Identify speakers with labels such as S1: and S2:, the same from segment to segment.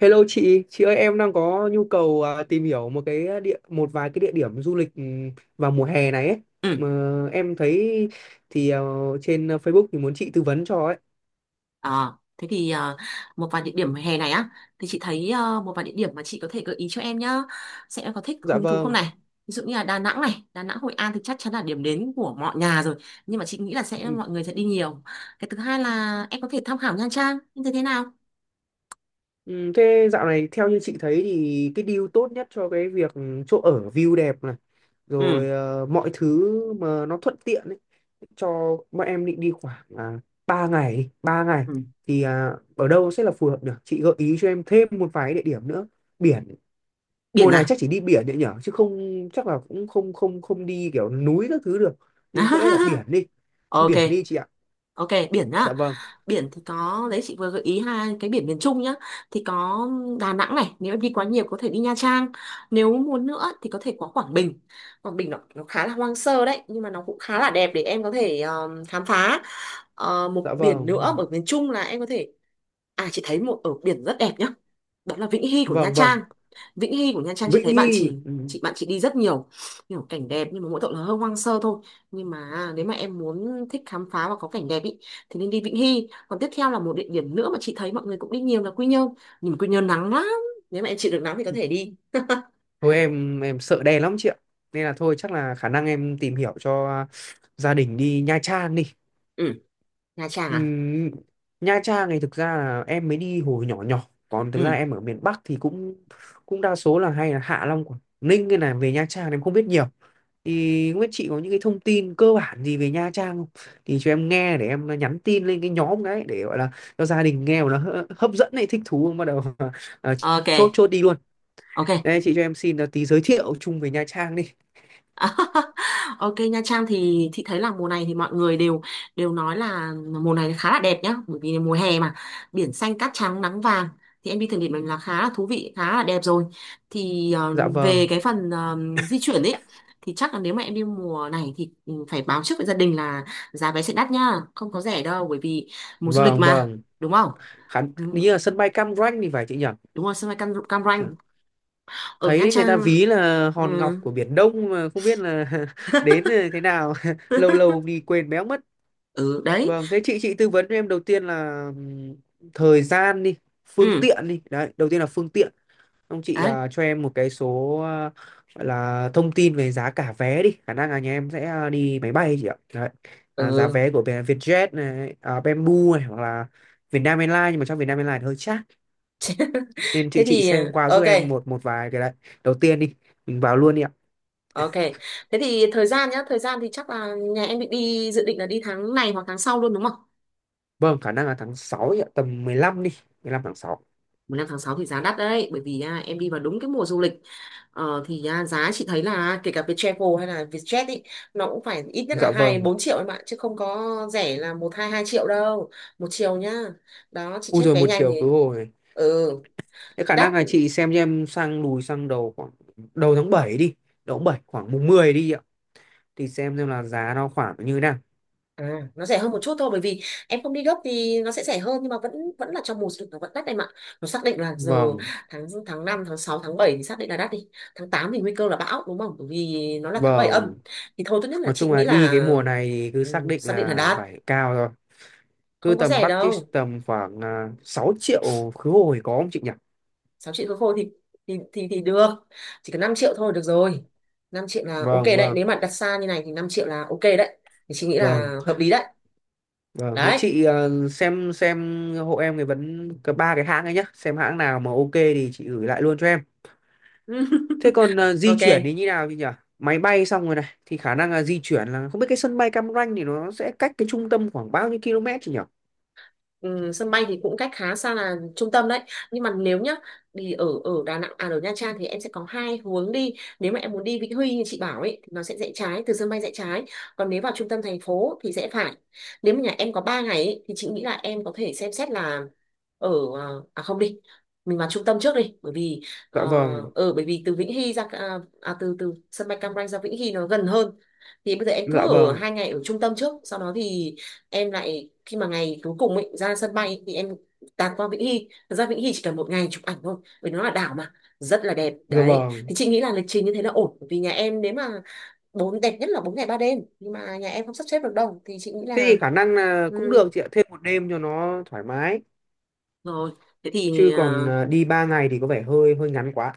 S1: Hello chị ơi em đang có nhu cầu tìm hiểu một vài cái địa điểm du lịch vào mùa hè này ấy.
S2: Ừ.
S1: Mà em thấy thì trên Facebook thì muốn chị tư vấn cho ấy.
S2: À, thế thì à, một vài địa điểm hè này á thì chị thấy một vài địa điểm mà chị có thể gợi ý cho em nhá. Xem em có thích
S1: Dạ
S2: hứng thú không
S1: vâng.
S2: này. Ví dụ như là Đà Nẵng này, Đà Nẵng Hội An thì chắc chắn là điểm đến của mọi nhà rồi. Nhưng mà chị nghĩ là
S1: Ừ,
S2: mọi người sẽ đi nhiều. Cái thứ hai là em có thể tham khảo Nha Trang như thế thế nào?
S1: ừ, Thế dạo này theo như chị thấy thì cái deal tốt nhất cho cái việc chỗ ở view đẹp này, rồi
S2: Ừ,
S1: mọi thứ mà nó thuận tiện ấy cho bọn em định đi khoảng 3 ngày, 3 ngày
S2: ừ.
S1: thì ở đâu sẽ là phù hợp được? Chị gợi ý cho em thêm một vài địa điểm nữa. Biển
S2: Biển
S1: mùa này
S2: à?
S1: chắc chỉ đi biển đấy nhở, chứ không chắc là cũng không không không đi kiểu núi các thứ được, nên có lẽ là biển đi,
S2: Ok,
S1: biển đi chị ạ.
S2: ok, biển nhá.
S1: Dạ vâng.
S2: Biển thì có đấy, chị vừa gợi ý hai cái biển miền Trung nhá, thì có Đà Nẵng này, nếu em đi quá nhiều có thể đi Nha Trang, nếu muốn nữa thì có thể qua Quảng Bình. Quảng Bình nó khá là hoang sơ đấy, nhưng mà nó cũng khá là đẹp để em có thể khám phá. Ờ, một
S1: Dạ
S2: biển nữa
S1: vâng.
S2: ở miền Trung là em có thể, chị thấy một ở biển rất đẹp nhá, đó là Vĩnh Hy của Nha
S1: Vâng, vâng,
S2: Trang. Vĩnh Hy của Nha Trang,
S1: Vĩnh Hy
S2: chị bạn chị đi rất nhiều, nhiều cảnh đẹp, nhưng mà mỗi tội là hơi hoang sơ thôi. Nhưng mà nếu mà em muốn thích khám phá và có cảnh đẹp ý thì nên đi Vĩnh Hy. Còn tiếp theo là một địa điểm nữa mà chị thấy mọi người cũng đi nhiều là Quy Nhơn, nhưng mà Quy Nhơn nắng lắm, nếu mà em chịu được nắng thì có thể đi.
S1: thôi em sợ đen lắm chị ạ, nên là thôi chắc là khả năng em tìm hiểu cho gia đình đi Nha Trang đi.
S2: Ừ. Nha Trang à.
S1: Ừm, Nha Trang này thực ra là em mới đi hồi nhỏ nhỏ, còn thực ra
S2: Ừ,
S1: em ở miền Bắc thì cũng cũng đa số là hay là Hạ Long, Quảng Ninh, nên là về Nha Trang em không biết nhiều, thì không biết chị có những cái thông tin cơ bản gì về Nha Trang không thì cho em nghe để em nhắn tin lên cái nhóm đấy, để gọi là cho gia đình nghe mà nó hấp dẫn này, thích thú bắt đầu à,
S2: ok,
S1: chốt chốt đi luôn.
S2: ok.
S1: Đây chị cho em xin là tí giới thiệu chung về Nha Trang đi.
S2: Ok, Nha Trang thì chị thấy là mùa này thì mọi người đều đều nói là mùa này khá là đẹp nhá, bởi vì mùa hè mà, biển xanh cát trắng nắng vàng, thì em đi thử nghiệm mình là khá là thú vị, khá là đẹp rồi. Thì
S1: Dạ vâng.
S2: về cái phần di chuyển ấy, thì chắc là nếu mà em đi mùa này thì phải báo trước với gia đình là giá vé sẽ đắt nhá, không có rẻ đâu, bởi vì mùa du lịch
S1: Vâng
S2: mà,
S1: vâng.
S2: đúng không?
S1: Khán
S2: Đúng,
S1: đi là sân bay Cam Ranh thì phải chị nhỉ.
S2: đúng rồi, sân bay Cam
S1: Dạ.
S2: Ranh ở Nha
S1: Thấy người ta
S2: Trang.
S1: ví là
S2: Ừ.
S1: hòn ngọc của Biển Đông mà không biết là đến thế nào lâu lâu đi quên béo mất.
S2: Ừ đấy.
S1: Vâng, thế chị tư vấn cho em đầu tiên là thời gian đi, phương
S2: Ừ
S1: tiện đi đấy, đầu tiên là phương tiện. Ông chị
S2: đấy.
S1: cho em một cái số gọi là thông tin về giá cả vé đi, khả năng là nhà em sẽ đi máy bay chị ạ. Đấy, giá
S2: Ừ.
S1: vé của Vietjet này Bamboo này, hoặc là Vietnam Airlines, nhưng mà trong Vietnam Airlines thì hơi chát, nên chị
S2: Thế
S1: chị
S2: thì
S1: xem qua giúp
S2: ok.
S1: em một một vài cái đấy. Đầu tiên đi, mình vào luôn đi ạ.
S2: Ok, thế thì thời gian nhá, thời gian thì chắc là nhà em định đi, dự định là đi tháng này hoặc tháng sau luôn đúng không.
S1: Vâng, khả năng là tháng 6 ạ, tầm 15 đi, 15 tháng sáu.
S2: 5/6 thì giá đắt đấy, bởi vì em đi vào đúng cái mùa du lịch. Giá chị thấy là kể cả Viettravel hay là Vietjet ý, nó cũng phải ít nhất là
S1: Dạ
S2: hai
S1: vâng.
S2: bốn triệu em ạ, chứ không có rẻ là 1 2 triệu đâu. Một chiều nhá. Đó chị
S1: U
S2: check
S1: rồi
S2: vé
S1: một
S2: nhanh thì.
S1: chiều khứ hồi.
S2: Ừ.
S1: Thế khả
S2: Đắt.
S1: năng là chị xem cho em sang, lùi sang đầu khoảng đầu tháng 7 đi, đầu tháng 7 khoảng mùng 10 đi ạ. Thì xem là giá nó khoảng như thế nào.
S2: À, nó rẻ hơn một chút thôi, bởi vì em không đi gấp thì nó sẽ rẻ hơn, nhưng mà vẫn vẫn là trong mùa du lịch, nó vẫn đắt em ạ. Nó xác định là giờ
S1: Vâng,
S2: tháng tháng năm, tháng sáu, tháng 7 thì xác định là đắt đi. Tháng 8 thì nguy cơ là bão đúng không? Bởi vì nó là tháng 7 âm.
S1: vâng.
S2: Thì thôi, tốt nhất là
S1: Nói
S2: chị
S1: chung là
S2: nghĩ
S1: đi
S2: là,
S1: cái mùa này thì cứ
S2: ừ,
S1: xác định
S2: xác định là
S1: là
S2: đắt,
S1: phải cao rồi. Cứ
S2: không có
S1: tầm
S2: rẻ
S1: budget
S2: đâu.
S1: tầm khoảng 6 triệu khứ hồi có không chị nhỉ?
S2: 6 triệu khối khô thì thì được. Chỉ cần 5 triệu thôi được rồi. 5 triệu là ok
S1: Vâng,
S2: đấy,
S1: vâng,
S2: nếu mà đặt xa như này thì 5 triệu là ok đấy. Thì chị nghĩ
S1: vâng.
S2: là hợp lý đấy.
S1: Vâng, thế
S2: Đấy.
S1: chị xem hộ em cái ba cái hãng ấy nhá, xem hãng nào mà ok thì chị gửi lại luôn cho em. Thế còn di chuyển
S2: Ok.
S1: thì như nào thì nhỉ? Máy bay xong rồi này thì khả năng là di chuyển là không biết cái sân bay Cam Ranh thì nó sẽ cách cái trung tâm khoảng bao nhiêu km chị nhỉ?
S2: Ừ, sân bay thì cũng cách khá xa là trung tâm đấy, nhưng mà nếu nhá, thì ở ở Đà Nẵng, à, ở Nha Trang thì em sẽ có hai hướng đi. Nếu mà em muốn đi Vĩnh Huy như chị bảo ấy thì nó sẽ rẽ trái, từ sân bay rẽ trái, còn nếu vào trung tâm thành phố thì sẽ phải, nếu mà nhà em có 3 ngày ấy, thì chị nghĩ là em có thể xem xét là ở, à không đi, mình vào trung tâm trước đi, bởi vì ờ,
S1: Dạ vâng,
S2: ở bởi vì từ Vĩnh Hy ra, từ từ sân bay Cam Ranh ra Vĩnh Hy nó gần hơn. Thì bây giờ em
S1: dạ
S2: cứ ở
S1: vâng,
S2: 2 ngày ở trung tâm trước, sau đó thì em lại khi mà ngày cuối cùng ấy, ra sân bay thì em tạt qua Vĩnh Hy. Thật ra Vĩnh Hy chỉ cần 1 ngày chụp ảnh thôi, vì nó là đảo mà, rất là đẹp
S1: dạ
S2: đấy.
S1: vâng.
S2: Thì chị nghĩ là lịch trình như thế là ổn. Bởi vì nhà em nếu mà đẹp nhất là 4 ngày 3 đêm, nhưng mà nhà em không sắp xếp được đâu thì chị nghĩ
S1: Thế
S2: là,
S1: thì khả năng là
S2: ừ,
S1: cũng được chị ạ, thêm một đêm cho nó thoải mái.
S2: rồi, thế thì
S1: Chứ còn
S2: ờ,
S1: đi 3 ngày thì có vẻ hơi hơi ngắn quá.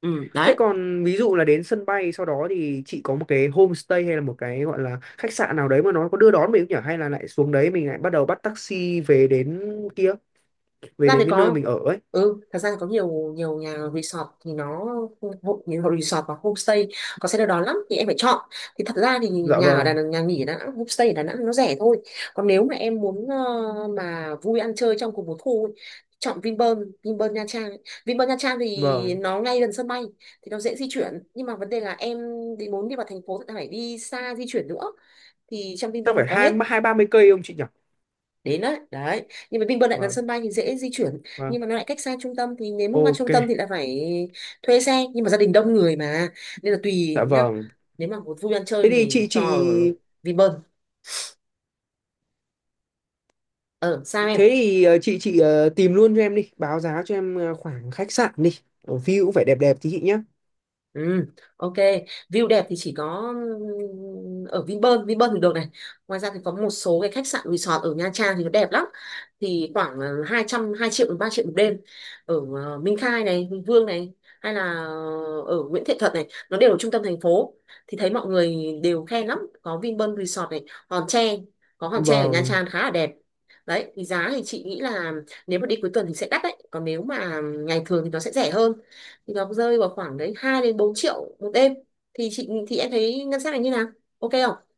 S2: ừ,
S1: Thế
S2: đấy.
S1: còn ví dụ là đến sân bay sau đó thì chị có một cái homestay hay là một cái gọi là khách sạn nào đấy mà nó có đưa đón mình không nhỉ? Hay là lại xuống đấy mình lại bắt đầu bắt taxi về đến kia, về
S2: Ra thì
S1: đến cái nơi
S2: có,
S1: mình ở ấy.
S2: ừ, thật ra thì có nhiều nhiều nhà resort thì nó hộ, nhiều resort và homestay có xe đưa đón lắm, thì em phải chọn. Thì thật ra thì
S1: Dạ
S2: nhà ở Đà
S1: vâng,
S2: Nẵng, nhà nghỉ ở Đà Nẵng, homestay ở Đà Nẵng nó rẻ thôi. Còn nếu mà em muốn mà vui ăn chơi trong cùng một khu ấy, chọn Vinpearl Vinpearl Nha Trang ấy. Vinpearl Nha Trang thì
S1: vâng.
S2: nó ngay gần sân bay, thì nó dễ di chuyển, nhưng mà vấn đề là em muốn đi vào thành phố thì phải đi xa, di chuyển nữa. Thì trong
S1: Chắc
S2: Vinpearl nó
S1: phải
S2: có
S1: hai
S2: hết,
S1: hai ba mươi cây không chị nhỉ?
S2: đến đấy đấy. Nhưng mà Vinpearl lại gần
S1: Vâng,
S2: sân bay thì dễ di chuyển,
S1: vâng.
S2: nhưng mà nó lại cách xa trung tâm, thì nếu muốn qua trung
S1: Ok,
S2: tâm thì lại phải thuê xe, nhưng mà gia đình đông người mà, nên là tùy
S1: dạ
S2: nhá.
S1: vâng.
S2: Nếu mà vui ăn
S1: Thế
S2: chơi
S1: thì
S2: thì
S1: chị chị
S2: cho Vinpearl. Ờ sao em
S1: Thế thì tìm luôn cho em đi, báo giá cho em khoảng khách sạn đi. Ở view cũng phải đẹp đẹp tí chị nhé.
S2: Ừ, ok. View đẹp thì chỉ có ở Vinpearl thì được này. Ngoài ra thì có một số cái khách sạn resort ở Nha Trang thì nó đẹp lắm. Thì khoảng 200, 2 triệu đến 3 triệu một đêm. Ở Minh Khai này, Hùng Vương này, hay là ở Nguyễn Thiện Thuật này, nó đều ở trung tâm thành phố. Thì thấy mọi người đều khen lắm, có Vinpearl Resort này, Hòn Tre, có Hòn Tre ở Nha
S1: Vâng.
S2: Trang khá là đẹp. Đấy, thì giá thì chị nghĩ là, nếu mà đi cuối tuần thì sẽ đắt đấy, còn nếu mà ngày thường thì nó sẽ rẻ hơn, thì nó rơi vào khoảng đấy 2 đến 4 triệu một đêm. Thì chị thì Em thấy ngân sách này như nào, ok không?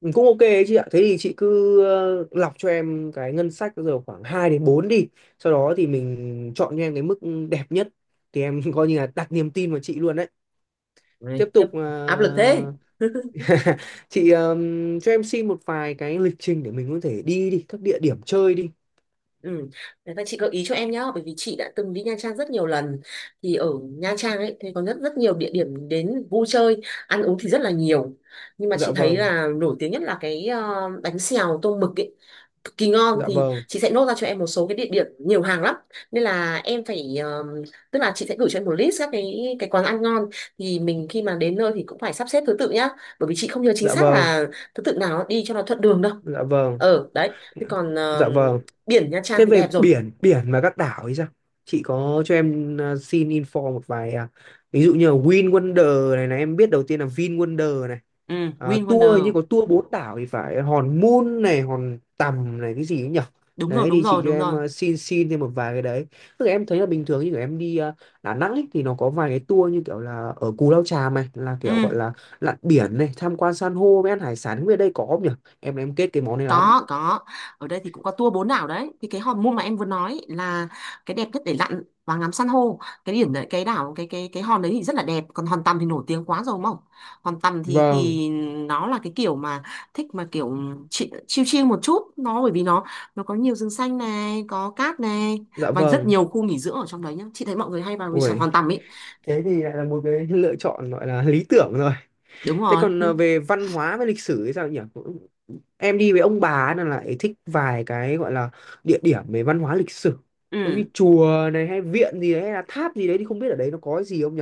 S1: Ừ, cũng ok ấy chị ạ, thế thì chị cứ lọc cho em cái ngân sách bây giờ khoảng 2 đến 4 đi, sau đó thì mình chọn cho em cái mức đẹp nhất, thì em coi như là đặt niềm tin vào chị luôn đấy.
S2: Đấy,
S1: Tiếp
S2: khiếp,
S1: tục
S2: áp lực thế.
S1: chị cho em xin một vài cái lịch trình để mình có thể đi đi các địa điểm chơi đi.
S2: Ừ. Đấy, và chị gợi ý cho em nhá, bởi vì chị đã từng đi Nha Trang rất nhiều lần. Thì ở Nha Trang ấy thì có rất rất nhiều địa điểm đến vui chơi, ăn uống thì rất là nhiều. Nhưng mà
S1: Dạ
S2: chị thấy
S1: vâng.
S2: là nổi tiếng nhất là cái bánh xèo tôm mực ấy, cực kỳ ngon.
S1: Dạ
S2: Thì
S1: vâng.
S2: chị sẽ nốt ra cho em một số cái địa điểm, nhiều hàng lắm, nên là em phải tức là chị sẽ gửi cho em một list các cái quán ăn ngon. Thì mình khi mà đến nơi thì cũng phải sắp xếp thứ tự nhá, bởi vì chị không nhớ chính
S1: Dạ
S2: xác
S1: vâng.
S2: là thứ tự nào đi cho nó thuận đường đâu.
S1: Dạ vâng.
S2: Ờ đấy thế còn ờ,
S1: Dạ vâng.
S2: biển Nha Trang
S1: Thế
S2: thì
S1: về
S2: đẹp rồi.
S1: biển, biển và các đảo ấy sao? Chị có cho em xin info một vài ví dụ như là Win Wonder này, này em biết đầu tiên là Vin Wonder này.
S2: Ừ,
S1: À,
S2: Win
S1: tour như
S2: Wonder,
S1: có tour bốn đảo thì phải Hòn Mun này, Hòn Tầm này, cái gì ấy nhỉ?
S2: đúng rồi,
S1: Đấy
S2: đúng
S1: thì chị
S2: rồi,
S1: cho
S2: đúng
S1: em
S2: rồi.
S1: xin xin thêm một vài cái đấy. Tức là em thấy là bình thường như kiểu em đi Đà Nẵng ấy, thì nó có vài cái tour như kiểu là ở Cù Lao Chàm này, là
S2: Ừ,
S1: kiểu gọi là lặn biển này, tham quan san hô với ăn hải sản, không biết ở đây có không nhỉ? Em kết cái món này lắm.
S2: có, ở đây thì cũng có tour 4 đảo đấy. Thì cái hòn môn mà em vừa nói là cái đẹp nhất để lặn và ngắm san hô, cái điểm đấy, cái đảo, cái hòn đấy thì rất là đẹp. Còn hòn tầm thì nổi tiếng quá rồi đúng không? Hòn tầm thì
S1: Vâng,
S2: nó là cái kiểu mà thích, mà kiểu chill chill một chút, nó bởi vì nó có nhiều rừng xanh này, có cát này,
S1: dạ
S2: và rất
S1: vâng.
S2: nhiều khu nghỉ dưỡng ở trong đấy nhá. Chị thấy mọi người hay vào resort
S1: Ui,
S2: hòn tầm ấy.
S1: thế thì lại là một cái lựa chọn gọi là lý tưởng rồi.
S2: Đúng
S1: Thế
S2: rồi.
S1: còn về văn hóa với lịch sử thì sao nhỉ? Em đi với ông bà ấy là lại thích vài cái gọi là địa điểm về văn hóa lịch sử, giống như
S2: Ừ
S1: chùa này, hay viện gì đấy, hay là tháp gì đấy, thì không biết ở đấy nó có gì không nhỉ,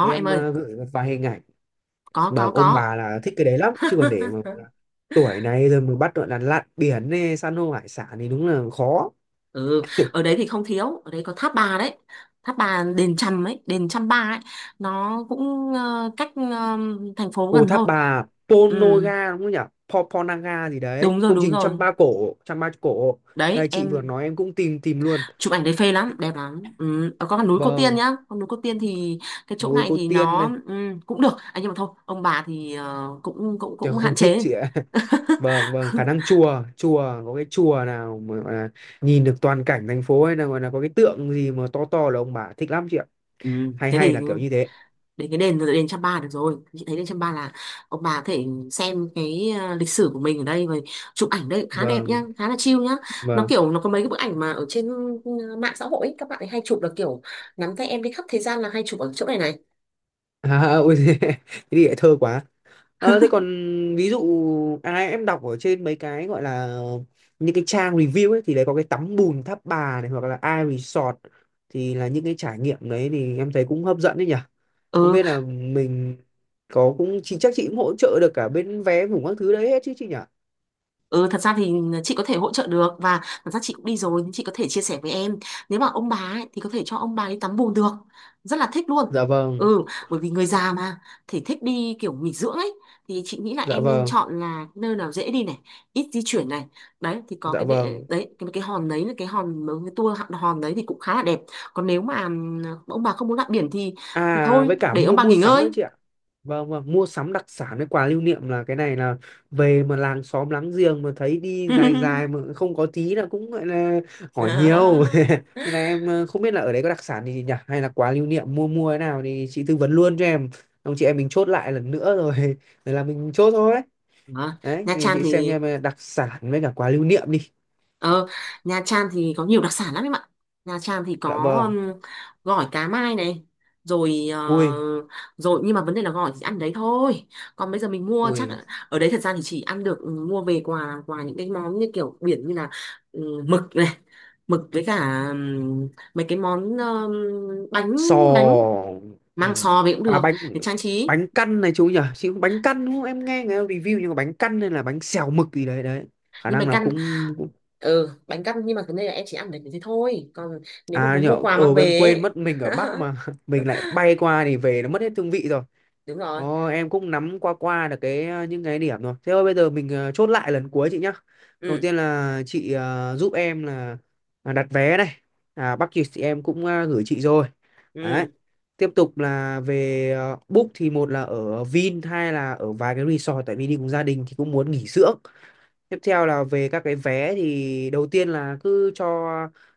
S1: để
S2: em
S1: em
S2: ơi.
S1: gửi một vài hình ảnh
S2: Có,
S1: bảo
S2: có,
S1: ông
S2: có.
S1: bà là thích cái đấy lắm. Chứ còn để mà tuổi này rồi mà bắt gọi là lặn biển này, san hô hải sản thì đúng là khó.
S2: Ừ, ở đấy thì không thiếu, ở đấy có tháp bà đấy. Tháp bà đền Chăm ấy, đền Chăm Ba ấy, nó cũng cách thành phố
S1: Ồ,
S2: gần
S1: tháp
S2: thôi.
S1: bà
S2: Ừ,
S1: Ponoga đúng không nhỉ? Ponaga gì đấy.
S2: đúng rồi,
S1: Công
S2: đúng
S1: trình Trăm
S2: rồi.
S1: Ba Cổ, Trăm Ba Cổ.
S2: Đấy,
S1: Đây chị vừa
S2: em
S1: nói em cũng tìm tìm luôn.
S2: chụp ảnh đấy phê lắm, đẹp lắm. Ừ, có con núi Cô Tiên
S1: Vâng,
S2: nhá. Con núi Cô Tiên thì cái chỗ
S1: núi
S2: này
S1: Cô
S2: thì
S1: Tiên
S2: nó
S1: này.
S2: cũng được. À, nhưng mà thôi, ông bà thì cũng cũng
S1: Trời
S2: cũng hạn
S1: không thích
S2: chế.
S1: chị ạ. Vâng, vâng, khả năng chùa có cái chùa nào mà gọi là nhìn được toàn cảnh thành phố, hay là gọi là có cái tượng gì mà to to là ông bà thích lắm chị ạ.
S2: Ừ,
S1: Hay
S2: thế
S1: hay
S2: thì
S1: là kiểu như thế.
S2: đến cái đền đền Chăm Pa được rồi. Chị thấy đền Chăm Pa là ông bà có thể xem cái lịch sử của mình ở đây rồi, chụp ảnh đây khá đẹp nhá,
S1: Vâng,
S2: khá là chill nhá. Nó
S1: vâng.
S2: kiểu nó có mấy cái bức ảnh mà ở trên mạng xã hội ấy, các bạn ấy hay chụp là kiểu nắm tay em đi khắp thế gian, là hay chụp ở chỗ này này.
S1: À, ôi thế thì lại thơ quá. Ờ, thế còn ví dụ em đọc ở trên mấy cái gọi là những cái trang review ấy thì đấy có cái tắm bùn Tháp Bà này, hoặc là iResort, thì là những cái trải nghiệm đấy thì em thấy cũng hấp dẫn đấy nhỉ. Không
S2: Ừ.
S1: biết là mình có cũng chị chắc chị cũng hỗ trợ được cả bên vé ngủ các thứ đấy hết chứ chị nhỉ?
S2: Ừ, thật ra thì chị có thể hỗ trợ được, và thật ra chị cũng đi rồi, nhưng chị có thể chia sẻ với em. Nếu mà ông bà ấy, thì có thể cho ông bà đi tắm bùn được, rất là thích luôn.
S1: Dạ vâng,
S2: Ừ, bởi vì người già mà, thể thích đi kiểu nghỉ dưỡng ấy, thì chị nghĩ là
S1: dạ
S2: em nên
S1: vâng,
S2: chọn là nơi nào dễ đi này, ít di chuyển này. Đấy thì có
S1: dạ
S2: cái đệ
S1: vâng.
S2: đấy, cái hòn đấy, là cái hòn mấy cái tour hòn hòn đấy thì cũng khá là đẹp. Còn nếu mà ông bà không muốn lặn biển thì
S1: À
S2: thôi
S1: với cả
S2: để ông
S1: mua
S2: bà nghỉ
S1: mua sắm nữa
S2: ngơi.
S1: chị ạ. Vâng vâng, mua sắm đặc sản với quà lưu niệm, là cái này là về mà làng xóm láng giềng mà thấy đi dài dài mà không có tí là cũng gọi là hỏi nhiều.
S2: Đó.
S1: Nên là em không biết là ở đấy có đặc sản gì nhỉ, hay là quà lưu niệm mua mua thế nào thì chị tư vấn luôn cho em. Ông chị em mình chốt lại lần nữa rồi rồi là mình chốt thôi.
S2: Đó.
S1: Đấy,
S2: Nha
S1: thì
S2: Trang
S1: chị xem
S2: thì,
S1: em đặc sản với cả quà lưu niệm đi.
S2: ờ, Nha Trang thì có nhiều đặc sản lắm em ạ. Nha Trang thì có
S1: Dạ vâng.
S2: um, gỏi cá mai này, rồi
S1: Ui,
S2: rồi nhưng mà vấn đề là gỏi thì ăn đấy thôi. Còn bây giờ mình mua chắc
S1: ui
S2: ở đấy thật ra thì chỉ ăn được. Ừ, mua về quà quà những cái món như kiểu biển, như là mực này, mực với cả mấy cái món, bánh, bánh,
S1: sò ừ.
S2: mang sò về cũng
S1: À
S2: được
S1: bánh,
S2: để trang trí.
S1: bánh căn này chú nhỉ, chị cũng bánh căn đúng không, em nghe người ta review, nhưng mà bánh căn hay là bánh xèo mực gì đấy đấy, khả
S2: Nhưng bánh
S1: năng là
S2: căn,
S1: cũng, cũng...
S2: ừ, bánh căn, nhưng mà vấn đề là em chỉ ăn được thế thôi. Còn nếu mà
S1: À
S2: muốn
S1: nhở,
S2: mua quà
S1: ờ,
S2: mang
S1: em
S2: về
S1: quên
S2: ấy,
S1: mất mình ở Bắc mà mình lại bay qua thì về nó mất hết hương vị rồi.
S2: đúng rồi.
S1: Ồ, em cũng nắm qua qua được cái những cái điểm rồi. Thế thôi bây giờ mình chốt lại lần cuối chị nhá. Đầu
S2: Ừ.
S1: tiên là chị giúp em là đặt vé này. À, Bắc Kiều thì em cũng gửi chị rồi. Đấy.
S2: Ừ.
S1: Tiếp tục là về book thì một là ở Vin, hai là ở vài cái resort, tại vì đi cùng gia đình thì cũng muốn nghỉ dưỡng. Tiếp theo là về các cái vé thì đầu tiên là cứ cho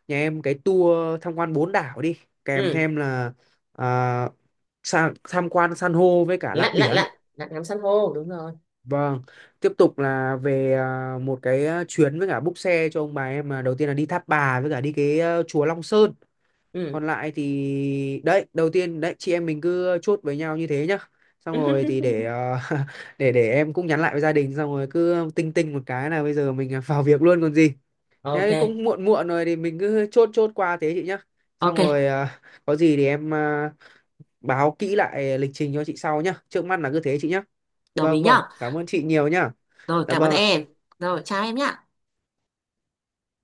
S1: nhà em cái tour tham quan bốn đảo đi, kèm
S2: Ừ.
S1: thêm là à, tham quan san hô với cả lặn
S2: lạnh lạnh
S1: biển.
S2: lạnh lạnh ngắm san hô, đúng rồi.
S1: Vâng, tiếp tục là về một cái chuyến với cả búc xe cho ông bà em, là đầu tiên là đi Tháp Bà với cả đi cái chùa Long Sơn.
S2: Ừ.
S1: Còn lại thì đấy, đầu tiên đấy chị em mình cứ chốt với nhau như thế nhá. Xong rồi thì để để em cũng nhắn lại với gia đình, xong rồi cứ tinh tinh một cái là bây giờ mình vào việc luôn còn gì.
S2: Ok.
S1: Thế cũng muộn muộn rồi thì mình cứ chốt chốt qua thế chị nhá. Xong
S2: Ok,
S1: rồi có gì thì em báo kỹ lại lịch trình cho chị sau nhá. Trước mắt là cứ thế chị nhá.
S2: đồng ý
S1: Vâng vâng,
S2: nhá.
S1: cảm ơn chị nhiều nhá.
S2: Rồi,
S1: Dạ
S2: cảm ơn
S1: vâng ạ.
S2: em. Rồi, chào em nhá.